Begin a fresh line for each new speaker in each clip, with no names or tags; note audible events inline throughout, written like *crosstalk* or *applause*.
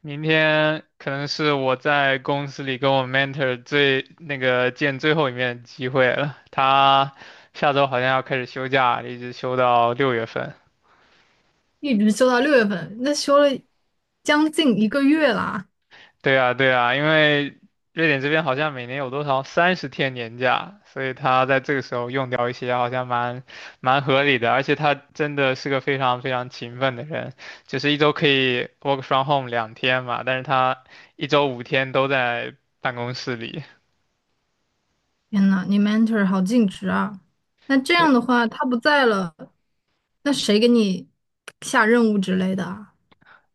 明天可能是我在公司里跟我 mentor 最那个见最后一面的机会了。他下周好像要开始休假，一直休到六月份。
一直休到六月份，那休了将近一个月啦！
对啊，对啊，因为瑞典这边好像每年有多少三十天年假，所以他在这个时候用掉一些，好像蛮合理的。而且他真的是个非常非常勤奋的人，就是一周可以 work from home 两天嘛，但是他一周五天都在办公室里。
天呐，你 mentor 好尽职啊！那这
对。
样的话，他不在了，那谁给你下任务之类的啊？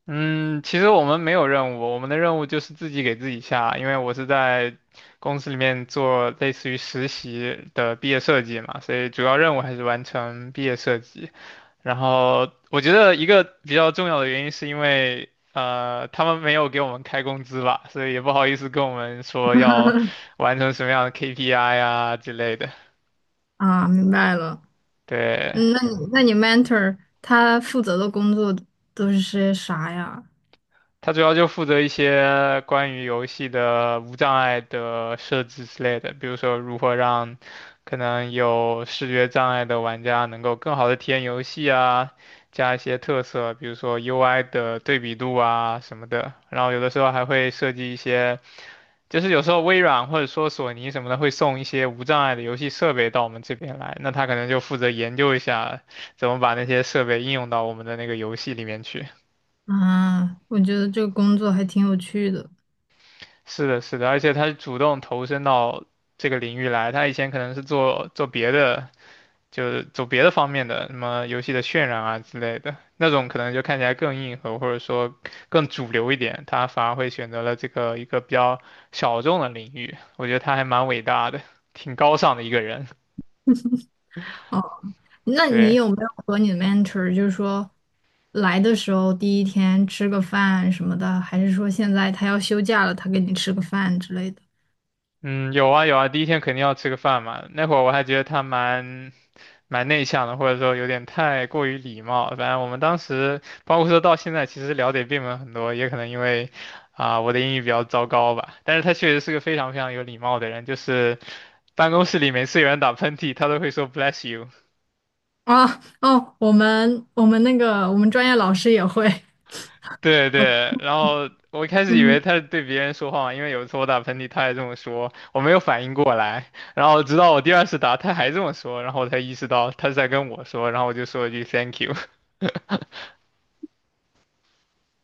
嗯，其实我们没有任务，我们的任务就是自己给自己下，因为我是在公司里面做类似于实习的毕业设计嘛，所以主要任务还是完成毕业设计。然后我觉得一个比较重要的原因是因为，他们没有给我们开工资吧，所以也不好意思跟我们说要完成什么样的 KPI 啊之类的。
啊，明白了。
对，
那你 mentor 他负责的工作都是些啥呀？
它主要就负责一些关于游戏的无障碍的设置之类的，比如说如何让可能有视觉障碍的玩家能够更好的体验游戏啊，加一些特色，比如说 UI 的对比度啊什么的。然后有的时候还会设计一些，就是有时候微软或者说索尼什么的会送一些无障碍的游戏设备到我们这边来，那他可能就负责研究一下怎么把那些设备应用到我们的那个游戏里面去。
啊，我觉得这个工作还挺有趣的。
是的，是的，而且他是主动投身到这个领域来，他以前可能是做做别的，就是走别的方面的，什么游戏的渲染啊之类的，那种可能就看起来更硬核，或者说更主流一点，他反而会选择了这个一个比较小众的领域，我觉得他还蛮伟大的，挺高尚的一个人。
哦。那你
对，
有没有和你的 mentor 就是说来的时候第一天吃个饭什么的，还是说现在他要休假了，他给你吃个饭之类的？
嗯，有啊有啊，第一天肯定要吃个饭嘛，那会儿我还觉得他蛮内向的，或者说有点太过于礼貌。反正我们当时，包括说到现在，其实聊的并没有很多，也可能因为我的英语比较糟糕吧。但是他确实是个非常非常有礼貌的人，就是办公室里每次有人打喷嚏，他都会说 bless you。
啊哦，我们专业老师也会，
对对，然后我一开
*laughs*
始以为
嗯，
他是对别人说话嘛，因为有一次我打喷嚏，他也这么说，我没有反应过来，然后直到我第二次打，他还这么说，然后我才意识到他是在跟我说，然后我就说了一句 thank you。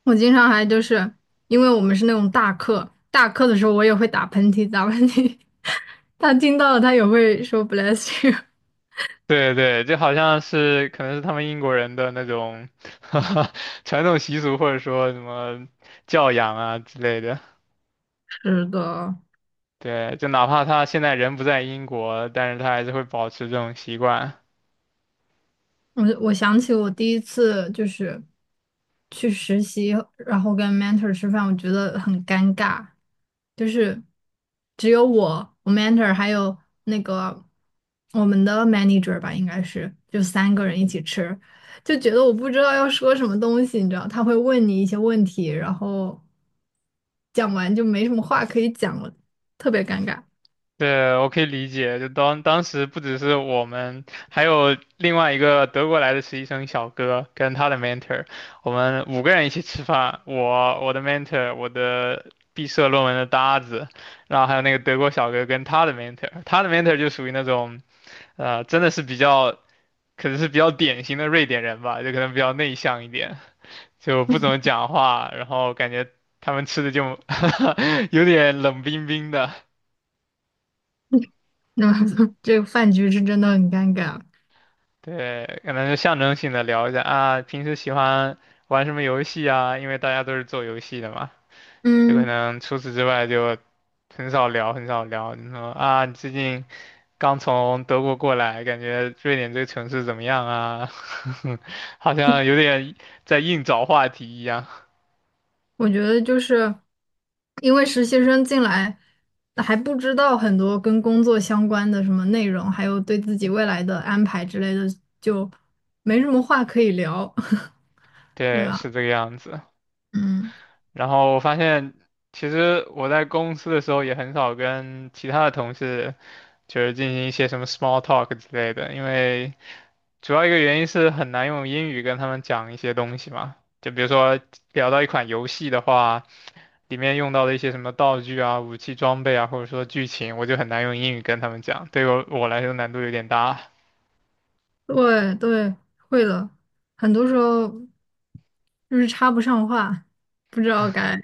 我经常还就是因为我们是那种大课，大课的时候我也会打喷嚏，打喷嚏，*laughs* 他听到了他也会说 bless you。
对对，就好像是可能是他们英国人的那种 *laughs* 传统习俗，或者说什么教养啊之类的。
是的。
对，就哪怕他现在人不在英国，但是他还是会保持这种习惯。
我我想起我第一次就是去实习，然后跟 mentor 吃饭，我觉得很尴尬，就是只有我、我 mentor 还有那个我们的 manager 吧，应该是就三个人一起吃，就觉得我不知道要说什么东西，你知道，他会问你一些问题，然后讲完就没什么话可以讲了，特别尴尬。*laughs*
对，我可以理解。就当时不只是我们，还有另外一个德国来的实习生小哥跟他的 mentor,我们五个人一起吃饭。我的 mentor、我的毕设论文的搭子，然后还有那个德国小哥跟他的 mentor,他的 mentor 就属于那种真的是比较可能是比较典型的瑞典人吧，就可能比较内向一点，就不怎么讲话，然后感觉他们吃的就 *laughs* 有点冷冰冰的。
那这个饭局是真的很尴尬。
对，可能就象征性的聊一下啊，平时喜欢玩什么游戏啊？因为大家都是做游戏的嘛，有可
嗯，
能除此之外就很少聊，很少聊。你说啊，你最近刚从德国过来，感觉瑞典这个城市怎么样啊？*laughs* 好像有点在硬找话题一样。
我觉得就是因为实习生进来还不知道很多跟工作相关的什么内容，还有对自己未来的安排之类的，就没什么话可以聊，*laughs* 对
对，
吧？
是这个样子。
嗯，
然后我发现，其实我在公司的时候也很少跟其他的同事，就是进行一些什么 small talk 之类的，因为。主要一个原因是很难用英语跟他们讲一些东西嘛，就比如说聊到一款游戏的话，里面用到的一些什么道具啊、武器装备啊，或者说剧情，我就很难用英语跟他们讲，对我来说难度有点大。
对对，会的，很多时候就是插不上话，不知道该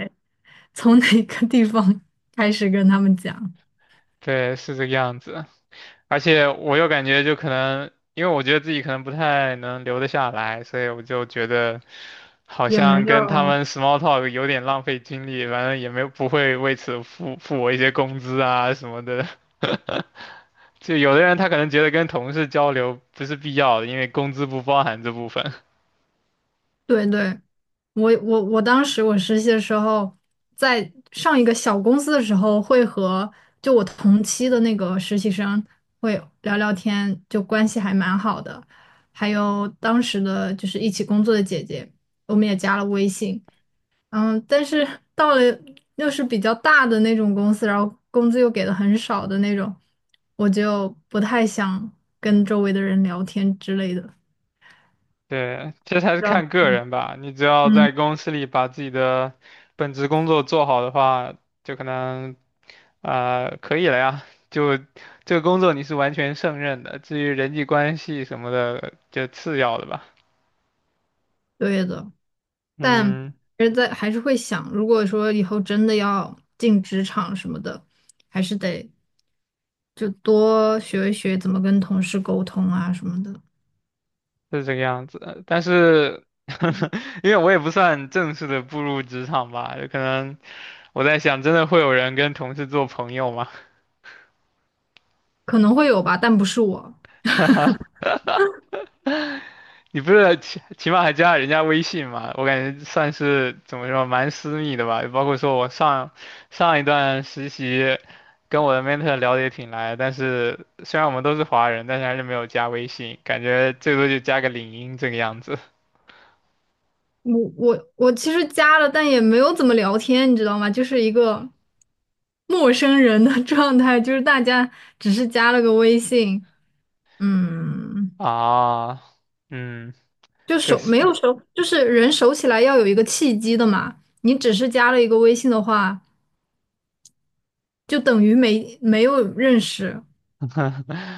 从哪个地方开始跟他们讲，
对，是这个样子。而且我又感觉就可能，因为我觉得自己可能不太能留得下来，所以我就觉得好
也没
像
有。
跟他们 small talk 有点浪费精力，反正也没有不会为此付我一些工资啊什么的。*laughs* 就有的人他可能觉得跟同事交流不是必要的，因为工资不包含这部分。
对对，我当时实习的时候，在上一个小公司的时候，会和就我同期的那个实习生会聊聊天，就关系还蛮好的。还有当时的就是一起工作的姐姐，我们也加了微信。嗯，但是到了又是比较大的那种公司，然后工资又给的很少的那种，我就不太想跟周围的人聊天之类的。
*laughs* 对，这实还是
然后，
看个人吧。你只要
嗯，
在公司里把自己的本职工作做好的话，就可能啊可以了呀。就这个工作你是完全胜任的，至于人际关系什么的，就次要的吧。
对的。但
嗯，
还是在还是会想，如果说以后真的要进职场什么的，还是得就多学一学怎么跟同事沟通啊什么的，
是这个样子的但是 *laughs* 因为我也不算正式的步入职场吧，有可能我在想，真的会有人跟同事做朋友吗？
可能会有吧，但不是我。
你不是起码还加了人家微信嘛？我感觉算是怎么说，蛮私密的吧。包括说我上一段实习，跟我的 mentor 聊得也挺来，但是虽然我们都是华人，但是还是没有加微信，感觉最多就加个领英这个样子
我其实加了，但也没有怎么聊天，你知道吗？就是一个陌生人的 *laughs* 状态，就是大家只是加了个微信，嗯，
啊。嗯，
就
确
熟没
实，
有熟，就是人熟起来要有一个契机的嘛。你只是加了一个微信的话。就等于没有认识，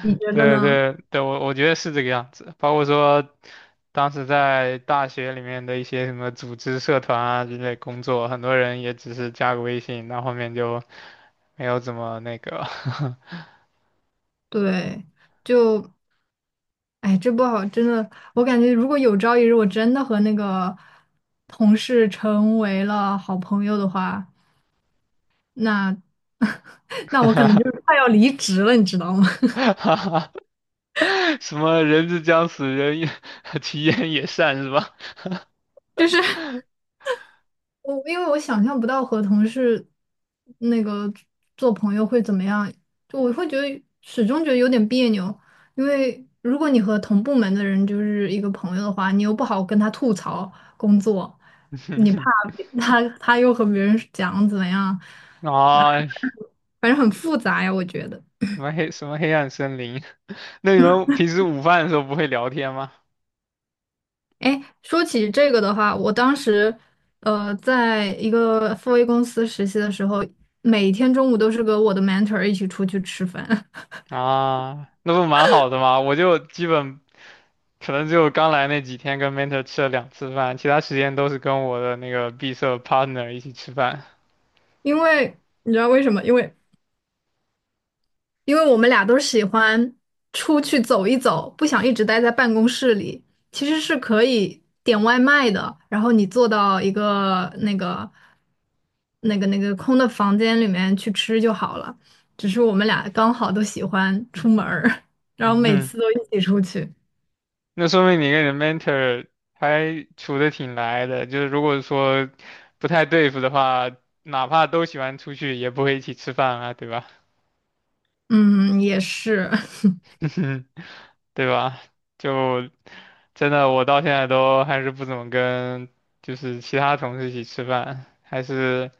你 觉得
对
呢？
对对，我我觉得是这个样子，包括说当时在大学里面的一些什么组织、社团啊之类工作，很多人也只是加个微信，那后面就没有怎么那个，
对，就哎，这不好，真的，我感觉如果有朝一日我真的和那个同事成为了好朋友的话，那 *laughs* 那我可能就是
*laughs*
快要离职了，你知道吗？
什么人之将死，人也 *laughs* 其言也善是吧？
*laughs* 就是。我因为我想象不到和同事那个做朋友会怎么样，就我会觉得始终觉得有点别扭，因为如果你和同部门的人就是一个朋友的话，你又不好跟他吐槽工作，你怕别他又和别人讲怎么样，
*laughs* 啊，
反正很复杂呀，我觉得。
什么黑什么黑暗森林？*laughs* 那你们平时午饭的时候不会聊天吗？
哎，说起这个的话，我当时在一个 FA 公司实习的时候，每天中午都是跟我的 mentor 一起出去吃饭。
啊，那不蛮好的吗？我就基本可能只有刚来那几天跟 mentor 吃了两次饭，其他时间都是跟我的那个闭塞 partner 一起吃饭。
因为你知道为什么？因为我们俩都喜欢出去走一走，不想一直待在办公室里。其实是可以点外卖的，然后你坐到一个那个空的房间里面去吃就好了。只是我们俩刚好都喜欢出门儿，*laughs* 然后
嗯
每
哼，
次都一起出去。
那说明你跟你的 mentor 还处的挺来的，就是如果说不太对付的话，哪怕都喜欢出去，也不会一起吃饭啊，对吧？
嗯，也是，
*laughs* 对吧？就真的，我到现在都还是不怎么跟就是其他同事一起吃饭，还是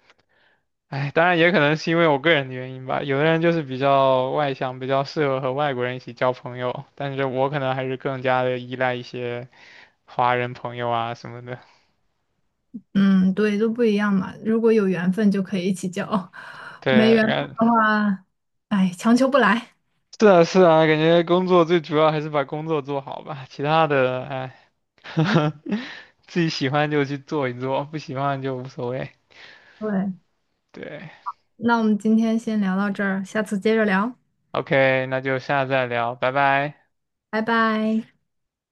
哎，当然也可能是因为我个人的原因吧。有的人就是比较外向，比较适合和外国人一起交朋友，但是我可能还是更加的依赖一些华人朋友啊什么的。
嗯，对，都不一样嘛。如果有缘分就可以一起交，没
对，
缘分的话，哎，强求不来。
是啊是啊，感觉工作最主要还是把工作做好吧，其他的哎，*laughs* 自己喜欢就去做一做，不喜欢就无所谓。
对。
对
那我们今天先聊到这儿，下次接着聊，
，OK,那就下次再聊，拜拜。
拜拜。